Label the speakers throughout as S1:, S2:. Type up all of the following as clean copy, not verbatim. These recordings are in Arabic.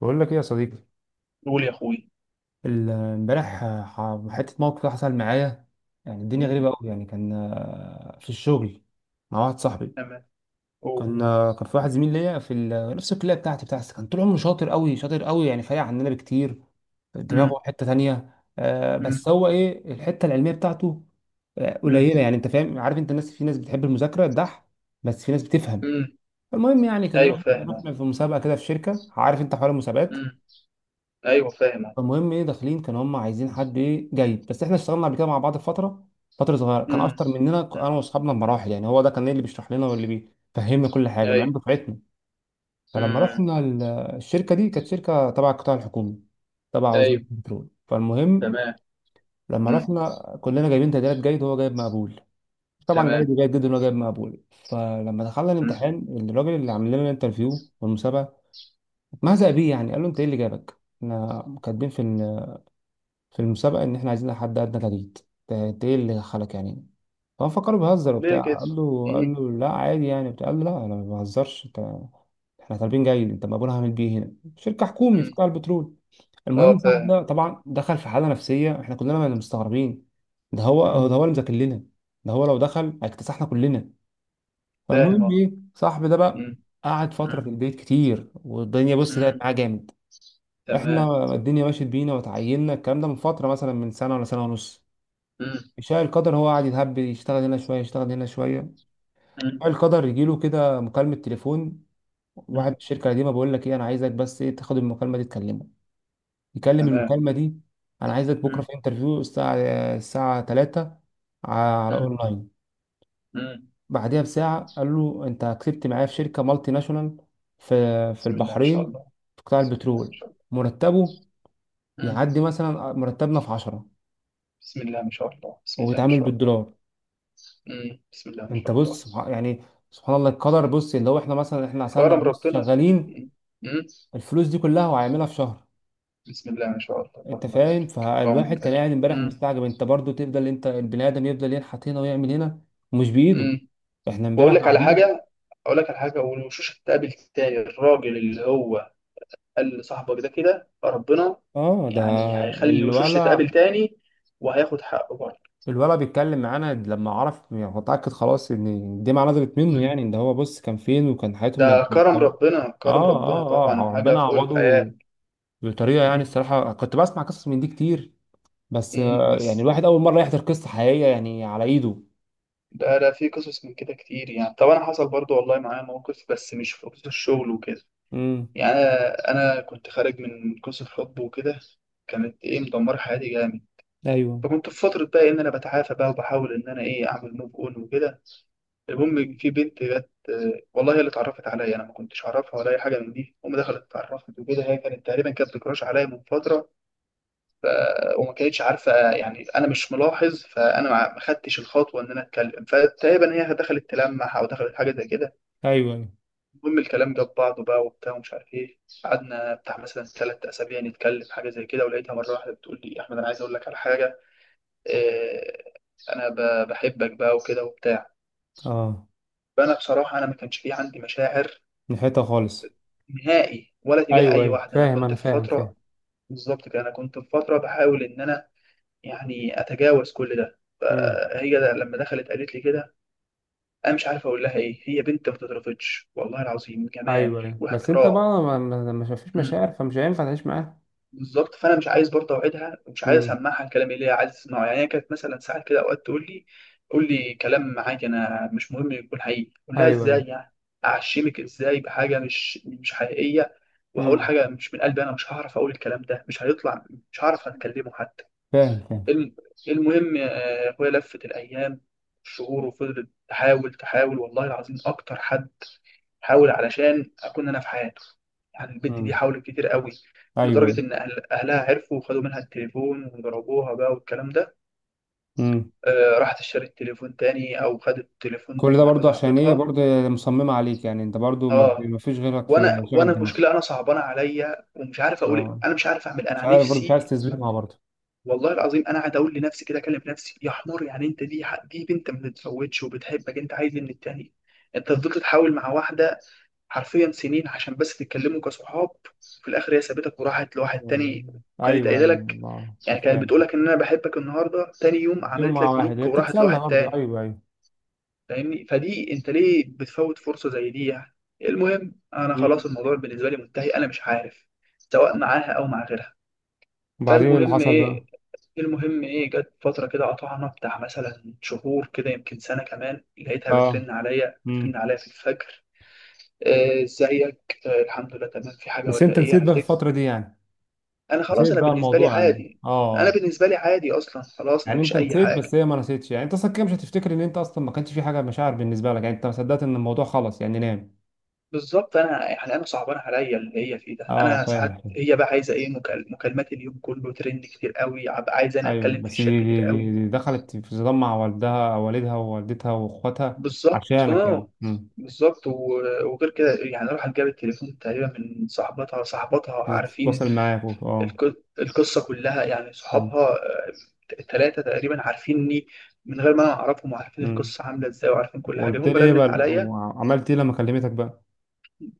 S1: بقول لك ايه يا صديقي؟
S2: قول يا اخوي.
S1: امبارح حتة موقف كده حصل معايا. يعني الدنيا غريبة
S2: مم.
S1: أوي. يعني كان في الشغل مع واحد صاحبي.
S2: تمام. قول.
S1: كان في واحد زميل ليا في نفس الكلية بتاعتي، كان طول عمره شاطر أوي شاطر أوي، يعني فارق عننا بكتير،
S2: مم.
S1: دماغه حتة تانية. بس
S2: مم.
S1: هو إيه؟ الحتة العلمية بتاعته
S2: مم.
S1: قليلة. يعني أنت فاهم، عارف أنت الناس؟ في ناس بتحب المذاكرة بس في ناس بتفهم.
S2: مم.
S1: المهم يعني كنا
S2: ايوه
S1: رحنا
S2: فاهم أهو.
S1: رحنا في مسابقة كده في شركة. عارف أنت حوار المسابقات؟
S2: مم. ايوه فاهم أهو.
S1: فالمهم ايه، داخلين كانوا هم عايزين حد ايه؟ جيد. بس احنا اشتغلنا قبل كده مع بعض فتره صغيره، كان
S2: مم.
S1: اشطر مننا
S2: مم.
S1: انا واصحابنا بمراحل. يعني هو ده كان إيه اللي بيشرح لنا واللي بيفهمنا كل حاجه، مع انه
S2: ايوه.
S1: دفعتنا. فلما
S2: مم.
S1: رحنا الشركه دي، كانت شركه تبع القطاع الحكومي، تبع وزاره
S2: ايوه.
S1: البترول. فالمهم
S2: تمام.
S1: لما
S2: مم.
S1: رحنا كلنا جايبين تقديرات جيد، وهو جايب مقبول. طبعا
S2: تمام.
S1: جيد وجيد جدا وهو جايب مقبول. فلما دخلنا
S2: مم.
S1: الامتحان، الراجل اللي عامل لنا الانترفيو والمسابقه اتمهزأ بيه. يعني قال له: انت ايه اللي جابك؟ احنا كاتبين في المسابقة إن إحنا عايزين حد أدنى تجديد. ده إيه اللي دخلك يعني؟ فهو فكره
S2: طب
S1: بيهزر
S2: ليه
S1: وبتاع،
S2: كده؟
S1: قال له قال
S2: مم.
S1: له لا عادي يعني بتاع. قال له: لا أنا ما بهزرش، أنت إحنا طالبين جيد. أنت مقبول هعمل بيه هنا شركة حكومي في
S2: مم.
S1: قطاع البترول؟
S2: اه،
S1: المهم صاحب
S2: فاهم.
S1: ده طبعا دخل في حالة نفسية. إحنا كلنا مستغربين، ده هو
S2: مم.
S1: ده هو اللي مذاكر لنا، ده هو لو دخل هيكتسحنا كلنا.
S2: فاهم،
S1: فالمهم
S2: اه.
S1: إيه صاحب ده بقى؟
S2: مم.
S1: قعد فترة
S2: مم.
S1: في البيت كتير، والدنيا بص لقت
S2: مم.
S1: معاه جامد.
S2: تمام.
S1: احنا الدنيا مشيت بينا وتعيننا، الكلام ده من فتره مثلا، من سنه ولا سنه ونص.
S2: مم.
S1: شاء القدر هو قاعد يتهب، يشتغل هنا شويه يشتغل هنا شويه.
S2: مم.
S1: شاء القدر يجيله كده مكالمه تليفون، واحد من
S2: مم.
S1: الشركه القديمه بيقول لك ايه: انا عايزك بس ايه؟ تاخد المكالمه دي تكلمه، يكلم
S2: تمام.
S1: المكالمه دي. انا عايزك بكره
S2: مم.
S1: في انترفيو الساعه 3 على
S2: مم.
S1: اونلاين.
S2: مم.
S1: بعدها بساعه قال له: انت كسبت معايا في شركه مالتي ناشونال في
S2: بسم الله ما شاء
S1: البحرين
S2: الله.
S1: في قطاع
S2: بسم الله ما
S1: البترول.
S2: شاء الله.
S1: مرتبه
S2: مم.
S1: يعدي مثلا مرتبنا في 10،
S2: بسم الله ما شاء الله بسم الله ما
S1: وبيتعامل
S2: شاء الله.
S1: بالدولار.
S2: مم. بسم الله ما
S1: انت
S2: شاء الله.
S1: بص، يعني سبحان الله القدر. بص اللي هو احنا مثلا احنا عسلنا،
S2: كرم
S1: بص
S2: ربنا.
S1: شغالين
S2: مم. مم.
S1: الفلوس دي كلها وهيعملها في شهر.
S2: بسم الله ما شاء الله
S1: انت
S2: اللهم
S1: فاهم؟
S2: بارك. اللهم
S1: فالواحد كان قاعد
S2: بارك.
S1: امبارح
S2: مم.
S1: مستعجب. انت برضو تفضل، انت البني ادم يفضل ينحت هنا ويعمل هنا ومش بايده.
S2: مم.
S1: احنا امبارح
S2: واقول لك على
S1: قاعدين.
S2: حاجه. اقول لك على حاجه، والوشوش هتقابل تاني الراجل اللي هو قال لصاحبك ده كده. ربنا
S1: اه، ده
S2: يعني هيخلي الوشوش تتقابل
S1: الولا
S2: تاني وهياخد حقه برضه.
S1: الولا بيتكلم معانا، لما عرف يعني هو اتاكد خلاص ان الدمعه نزلت منه،
S2: مم.
S1: يعني ان هو بص كان فين وكان
S2: ده
S1: حياته.
S2: كرم
S1: اه،
S2: ربنا، كرم ربنا
S1: اه،
S2: طبعا،
S1: اه،
S2: حاجه
S1: ربنا
S2: فوق
S1: عوضه
S2: الخيال.
S1: بطريقه يعني.
S2: مم.
S1: الصراحه كنت بسمع قصص من دي كتير، بس
S2: مم.
S1: يعني
S2: بس
S1: الواحد اول مره يحضر قصه حقيقيه يعني على ايده.
S2: ده في قصص من كده كتير يعني. طب انا حصل برضه والله معايا موقف، بس مش في قصص الشغل وكده
S1: امم.
S2: يعني. انا كنت خارج من قصه حب وكده، كانت ايه مدمره حياتي جامد.
S1: ايوه.
S2: فكنت في فتره بقى ان انا بتعافى بقى، وبحاول ان انا ايه اعمل موف اون وكده. المهم
S1: مم.
S2: في بنت جت، والله هي اللي اتعرفت عليا، انا ما كنتش اعرفها ولا اي حاجه من دي. هم دخلت اتعرفت وكده. هي كانت تقريبا كانت بتكراش عليا من فتره. ف... وما كانتش عارفه يعني انا مش ملاحظ. فانا ما خدتش الخطوه ان انا اتكلم. فتقريبا هي دخلت تلمح او دخلت حاجه زي كده.
S1: ايوه، ايوه.
S2: المهم الكلام جاب بعضه بقى وبتاع ومش عارف ايه. قعدنا بتاع مثلا 3 اسابيع نتكلم حاجه زي كده، ولقيتها مره واحده بتقول لي: احمد، انا عايز اقول لك على حاجه. إيه؟ انا بحبك بقى وكده وبتاع.
S1: اه،
S2: فانا بصراحه انا ما كانش في عندي مشاعر
S1: من حته خالص.
S2: نهائي ولا تجاه
S1: ايوه،
S2: اي
S1: ايوه،
S2: واحده، انا
S1: فاهم
S2: كنت
S1: انا،
S2: في
S1: فاهم، فاهم.
S2: فتره. بالظبط كده، انا كنت في فتره بحاول ان انا يعني اتجاوز كل ده.
S1: مم.
S2: فهي ده لما دخلت قالت لي كده، انا مش عارف اقول لها ايه. هي بنت ما تترفضش، والله العظيم جمال
S1: ايوه، ايوه. بس انت بقى
S2: واحترام.
S1: ما فيش مشاعر، فمش هينفع تعيش معاه.
S2: بالظبط. فانا مش عايز برضه اوعدها، ومش عايز
S1: مم.
S2: اسمعها الكلام اللي هي عايز تسمعه. يعني هي كانت مثلا ساعات كده اوقات تقول لي: قول لي كلام عادي، انا مش مهم يكون حقيقي. اقول لها
S1: ايوه،
S2: ازاي
S1: ايوه.
S2: يعني؟ اعشمك ازاي بحاجه مش حقيقيه؟ وهقول
S1: امم.
S2: حاجه مش من قلبي؟ انا مش هعرف اقول الكلام ده، مش هيطلع. مش هعرف اتكلمه حتى.
S1: فاهم، فاهم.
S2: الم- المهم اخويا لفت الايام، الشهور، وفضلت تحاول تحاول. والله العظيم اكتر حد حاول علشان اكون انا في حياته. يعني البنت دي
S1: مم.
S2: حاولت كتير قوي،
S1: ايوه.
S2: لدرجه ان أهل اهلها عرفوا وخدوا منها التليفون وضربوها بقى والكلام ده.
S1: مم.
S2: آه، راحت اشترت تليفون تاني او خدت تليفون
S1: كل
S2: من
S1: ده
S2: واحده
S1: برضو عشان ايه
S2: صاحبتها.
S1: برضو؟ مصممه عليك، يعني انت برضو ما
S2: اه.
S1: ما فيش غيرك
S2: وانا
S1: في
S2: وانا
S1: شغل دماغك؟
S2: المشكله، انا صعبانه عليا ومش عارف اقول إيه.
S1: اه،
S2: انا مش عارف اعمل إيه.
S1: مش
S2: انا
S1: عارف، برضو مش عايز
S2: نفسي.
S1: تظلمها برضو.
S2: والله العظيم انا قاعد اقول لنفسي كده، اكلم نفسي: يا حمار يعني، انت دي بنت ما بتفوتش وبتحبك، انت عايز إيه من التاني؟ انت فضلت تحاول مع واحده حرفيا سنين عشان بس تتكلموا كصحاب، في الاخر هي سابتك وراحت لواحد
S1: مم.
S2: تاني. وكانت
S1: ايوه،
S2: قايله
S1: ايوه،
S2: لك،
S1: الله
S2: يعني
S1: أنت
S2: كانت
S1: فاهم.
S2: بتقولك ان انا بحبك، النهارده تاني يوم
S1: يوم
S2: عملت
S1: مع
S2: لك
S1: واحد،
S2: بلوك
S1: هي
S2: وراحت
S1: بتتسلى
S2: لواحد
S1: برضه.
S2: تاني.
S1: ايوه، ايوه.
S2: فاهمني؟ فدي انت ليه بتفوت فرصه زي دي يعني. المهم انا خلاص،
S1: مم.
S2: الموضوع بالنسبه لي منتهي. انا مش عارف سواء معاها او مع غيرها.
S1: وبعدين إيه اللي
S2: فالمهم
S1: حصل بقى؟
S2: ايه المهم ايه، جت فتره كده قطعنا بتاع مثلا شهور كده، يمكن سنه كمان. لقيتها
S1: اه.
S2: بترن عليا
S1: امم.
S2: بترن عليا في الفجر. ازيك؟ الحمد لله تمام. في حاجه
S1: بس
S2: ولا
S1: انت
S2: ايه؟
S1: نسيت
S2: انا
S1: بقى في
S2: افتكر
S1: الفتره دي يعني،
S2: انا خلاص،
S1: نسيت
S2: انا
S1: بقى
S2: بالنسبه لي
S1: الموضوع يعني؟
S2: عادي. انا
S1: اه.
S2: بالنسبه لي عادي اصلا خلاص، ما
S1: يعني انت
S2: فيش اي
S1: نسيت
S2: حاجه.
S1: بس هي ما نسيتش. يعني انت اصلا كده مش هتفتكر ان انت اصلا ما كانش في حاجه مشاعر بالنسبه لك. يعني انت ما صدقت ان الموضوع خلص يعني، نام.
S2: بالظبط. انا يعني انا صعبان عليا اللي هي فيه ده.
S1: اه،
S2: انا
S1: فاهم،
S2: ساعات
S1: فاهم.
S2: هي بقى عايزه ايه، مكالمات اليوم كله ترند كتير قوي، عايزه انا
S1: ايوه،
S2: اتكلم في
S1: بس
S2: الشات
S1: دي
S2: كتير
S1: دي دي,
S2: قوي.
S1: دي دخلت في صدام مع والدها ووالدتها واخواتها
S2: بالظبط
S1: عشانك يعني.
S2: اه.
S1: امم.
S2: بالظبط. وغير كده يعني، راحت جابت التليفون تقريبا من صاحبتها. عارفين
S1: تتواصل معاك اه.
S2: القصة كلها يعني،
S1: امم،
S2: صحابها، التلاتة تقريبا عارفيني من غير ما أنا أعرفهم، وعارفين
S1: امم.
S2: القصة عاملة إزاي وعارفين كل حاجة.
S1: وقلت
S2: المهم
S1: لي ايه
S2: رنت
S1: بقى؟
S2: عليا.
S1: وعملت ايه لما كلمتك بقى؟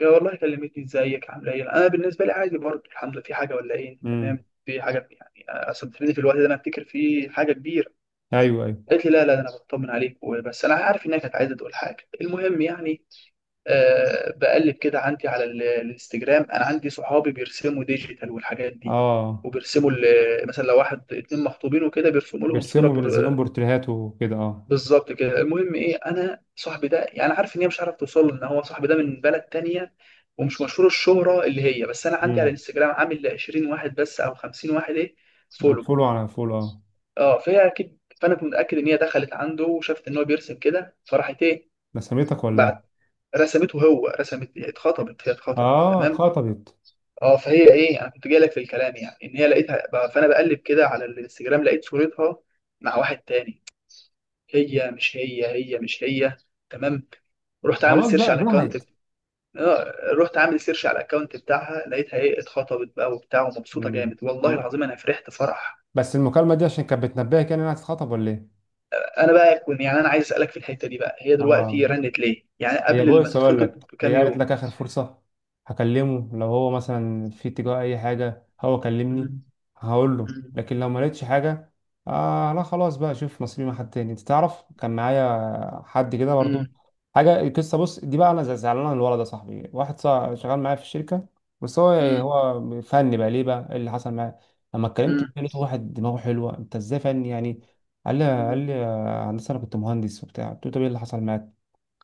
S2: يا والله كلمتني: إزيك؟ عاملة إيه؟ أنا بالنسبة لي عادي برضه، الحمد لله. في حاجة ولا إيه؟ تمام. في حاجة يعني أصل بتفيدني في الوقت ده، أنا أفتكر في حاجة كبيرة.
S1: ايوه، ايوه.
S2: قالت لي: لا لا، ده أنا بطمن عليك وبس. أنا عارف إنها كانت عايزة تقول حاجة. المهم يعني بقلب كده عندي على الانستجرام، انا عندي صحابي بيرسموا ديجيتال والحاجات دي.
S1: اه،
S2: وبيرسموا مثلا لو واحد اتنين مخطوبين وكده بيرسموا لهم صوره
S1: بيرسموا، بينزلون
S2: بر-
S1: بورتريهات وكده، اه.
S2: بالظبط كده. المهم ايه، انا صاحبي ده يعني عارف ان هي مش عارف توصل له، ان هو صاحبي ده من بلد تانية ومش مشهور الشهره اللي هي. بس انا عندي على
S1: امم.
S2: الانستجرام عامل ل 20 واحد بس او 50 واحد ايه، فولو.
S1: فولو على فولو. اه،
S2: اه. فهي اكيد، فانا كنت متاكد ان هي دخلت عنده وشافت ان هو بيرسم كده، فراحت ايه،
S1: رسمتك ولا
S2: بعت
S1: ايه؟
S2: رسمته. هو رسمت، اتخطبت، هي اتخطبت
S1: اه،
S2: تمام.
S1: اتخطبت.
S2: اه. فهي ايه، انا كنت جاي لك في الكلام، يعني ان هي لقيتها بقى. فانا بقلب كده على الانستجرام لقيت صورتها مع واحد تاني. هي مش هي، هي مش هي. تمام. رحت عامل
S1: خلاص
S2: سيرش
S1: بقى
S2: على الاكونت.
S1: جهت.
S2: اه. رحت عامل سيرش على الاكونت بتاعها، لقيتها ايه اتخطبت بقى وبتاع ومبسوطه
S1: امم.
S2: جامد. والله العظيم انا فرحت فرح.
S1: بس المكالمه دي عشان كانت بتنبهك، يعني انها هتتخطب ولا ايه؟
S2: انا بقى كنت يعني انا عايز اسالك في الحته دي بقى: هي دلوقتي
S1: اه،
S2: رنت ليه يعني
S1: هي
S2: قبل ما
S1: بص هقول
S2: تتخطب
S1: لك، هي
S2: بكام
S1: قالت
S2: يوم؟
S1: لك: اخر فرصه هكلمه، لو هو مثلا في اتجاه اي حاجه، هو كلمني
S2: مم،
S1: هقول له.
S2: مم،
S1: لكن لو ما لقيتش حاجه، آه لا، خلاص بقى، شوف نصيبي مع حد تاني. انت تعرف كان معايا حد كده برضو
S2: مم،
S1: حاجه. القصه بص دي بقى: انا زعلان على الولد ده صاحبي. واحد صاحب شغال معايا في الشركه، بس هو يعني
S2: مم،
S1: هو فني بقى ليه بقى؟ إيه اللي حصل معاه؟ لما اتكلمت
S2: مم،
S1: لقيته واحد دماغه حلوه. انت ازاي فني يعني؟ قال لي: هندسه، انا كنت مهندس وبتاع. قلت له: طب ايه اللي حصل معاك؟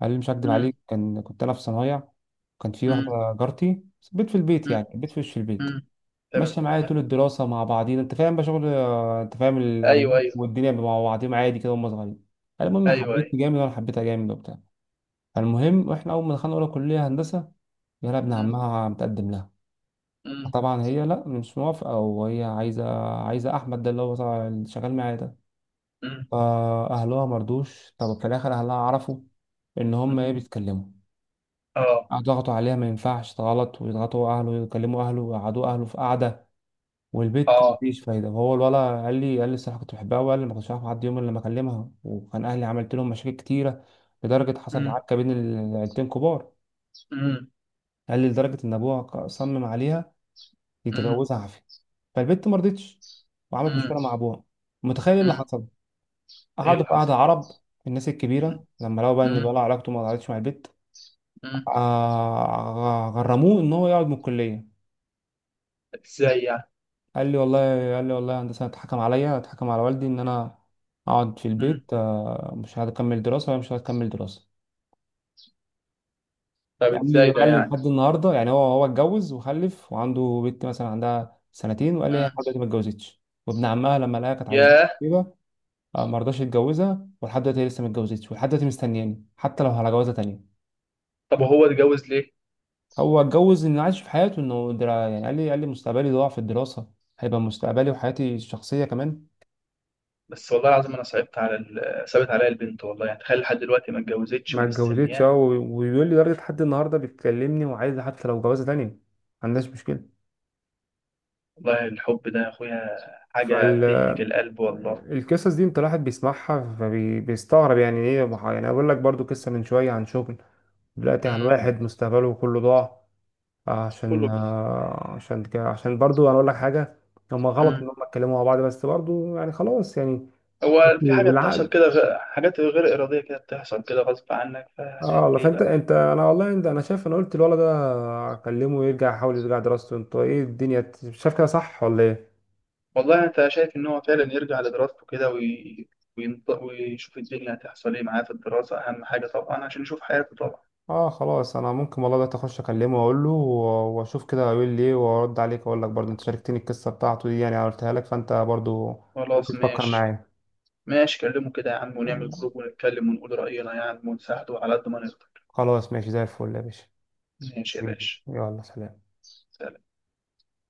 S1: قال لي: مش هكدب
S2: مم،
S1: عليك، كان كنت انا في صنايع. كان في
S2: مم،
S1: واحده جارتي، بيت في البيت،
S2: مم،
S1: يعني بيت في وش البيت،
S2: مم.
S1: ماشيه معايا
S2: تمام.
S1: طول الدراسه مع بعضينا. انت فاهم بقى شغل، انت فاهم
S2: ايوه
S1: الارياف
S2: ايوه.
S1: والدنيا، مع بعضيهم عادي كده وهم صغيرين. قال: المهم
S2: ايوه ايوه.
S1: حبيتني جامد، وانا حبيتها جامد وبتاع. فالمهم واحنا اول ما دخلنا اولى كليه هندسه، يلا ابن
S2: مم.
S1: عمها متقدم لها.
S2: مم.
S1: فطبعا هي لا، مش موافقه، وهي عايزه احمد ده اللي هو اللي شغال معايا ده.
S2: مم.
S1: فاهلها مرضوش. طب في الاخر اهلها عرفوا ان هم ايه
S2: مم.
S1: بيتكلموا.
S2: اه
S1: ضغطوا عليها ما ينفعش غلط، ويضغطوا اهله ويكلموا اهله ويقعدوا اهله في قعده، والبيت
S2: اه.
S1: مفيش فايده. فهو الولا قال لي: الصراحه كنت بحبها. وقال لي: ما كنتش عارف اعدي يوم إلا لما اكلمها، وكان اهلي عملت لهم مشاكل كتيره، لدرجه حصلت
S2: مم.
S1: عركه بين العيلتين كبار.
S2: مم.
S1: قال لي: لدرجه ان ابوها صمم عليها
S2: مم.
S1: يتجوزها عافيه. فالبنت ما رضتش وعملت
S2: مم.
S1: مشكله مع ابوها. متخيل إيه اللي
S2: مم.
S1: حصل؟
S2: ايه
S1: قعدوا
S2: اللي
S1: في
S2: حصل؟
S1: قعده عرب، الناس
S2: مم.
S1: الكبيره، لما لقوا بقى ان
S2: مم.
S1: الولد علاقته ما ضاعتش مع البنت،
S2: مم.
S1: غرموه ان هو يقعد من الكليه.
S2: ازاي يعني؟
S1: قال لي والله يا هندسة: اتحكم عليا، اتحكم على والدي ان انا اقعد في البيت،
S2: مم.
S1: مش هكمل دراسة، مش هكمل دراسة.
S2: طب
S1: قال لي
S2: ازاي ده
S1: قال لي
S2: يعني؟
S1: لحد النهاردة يعني، هو اتجوز وخلف وعنده بنت مثلا عندها سنتين. وقال لي: هي لحد
S2: مم.
S1: دلوقتي ما اتجوزتش. وابن عمها لما لقاها كانت عايزاه
S2: ياه.
S1: كده، ما رضاش يتجوزها. ولحد دلوقتي هي لسه ما اتجوزتش، ولحد دلوقتي مستنياني، حتى لو على جوازة تانية.
S2: طب وهو اتجوز ليه؟
S1: هو اتجوز انه عايش في حياته، انه يعني قال لي مستقبلي ضاع في الدراسة، هيبقى مستقبلي وحياتي الشخصية كمان.
S2: بس والله العظيم انا صعبت عليا البنت، والله، يعني تخيل لحد دلوقتي ما اتجوزتش
S1: ما اتجوزتش. اه،
S2: ومستنياه.
S1: ويقول لي لدرجة لحد النهاردة بيتكلمني، وعايز حتى لو جوازة تانية، ما عندهاش مشكلة.
S2: والله الحب ده يا اخويا حاجه تهلك القلب والله.
S1: فالقصص دي، انت الواحد بيسمعها فبيستغرب، يعني ايه؟ ما ح- يعني اقول لك برضو قصة من شوية عن شغل، دلوقتي عن
S2: مم.
S1: واحد مستقبله كله ضاع. عشان
S2: كله.
S1: آه، عشان ك- عشان برضو انا اقول لك حاجة: هما غلط ان
S2: مم.
S1: هما اتكلموا مع بعض، بس برضو يعني خلاص يعني،
S2: هو في حاجة بتحصل
S1: بالعقل.
S2: كده، حاجات غير إرادية كده بتحصل كده غصب عنك،
S1: اه
S2: فهتعمل
S1: والله.
S2: إيه
S1: فانت
S2: بقى؟
S1: انت انا والله، انا شايف، انا قلت الولد ده اكلمه يحاول يرجع دراسته. انت ايه الدنيا شايف كده صح ولا ايه؟
S2: والله أنت شايف إن هو فعلا يرجع لدراسته كده ويشوف الدنيا هتحصل إيه معاه في الدراسة؟ أهم حاجة طبعا عشان يشوف حياته طبعا.
S1: اه خلاص، انا ممكن والله، ده اخش اكلمه واقول له واشوف كده هيقول لي ايه، وارد عليك اقول لك برضه. انت شاركتني القصه بتاعته دي، يعني أنا قلتها لك فانت برضه ممكن
S2: خلاص
S1: تفكر
S2: ماشي.
S1: معايا.
S2: ماشي، كلمه كده يا عم، ونعمل جروب ونتكلم ونقول رأينا يا عم ونساعده على قد ما نقدر.
S1: خلاص ماشي زي الفل يا باشا.
S2: ماشي يا
S1: حبيبي،
S2: باشا.
S1: يلا سلام.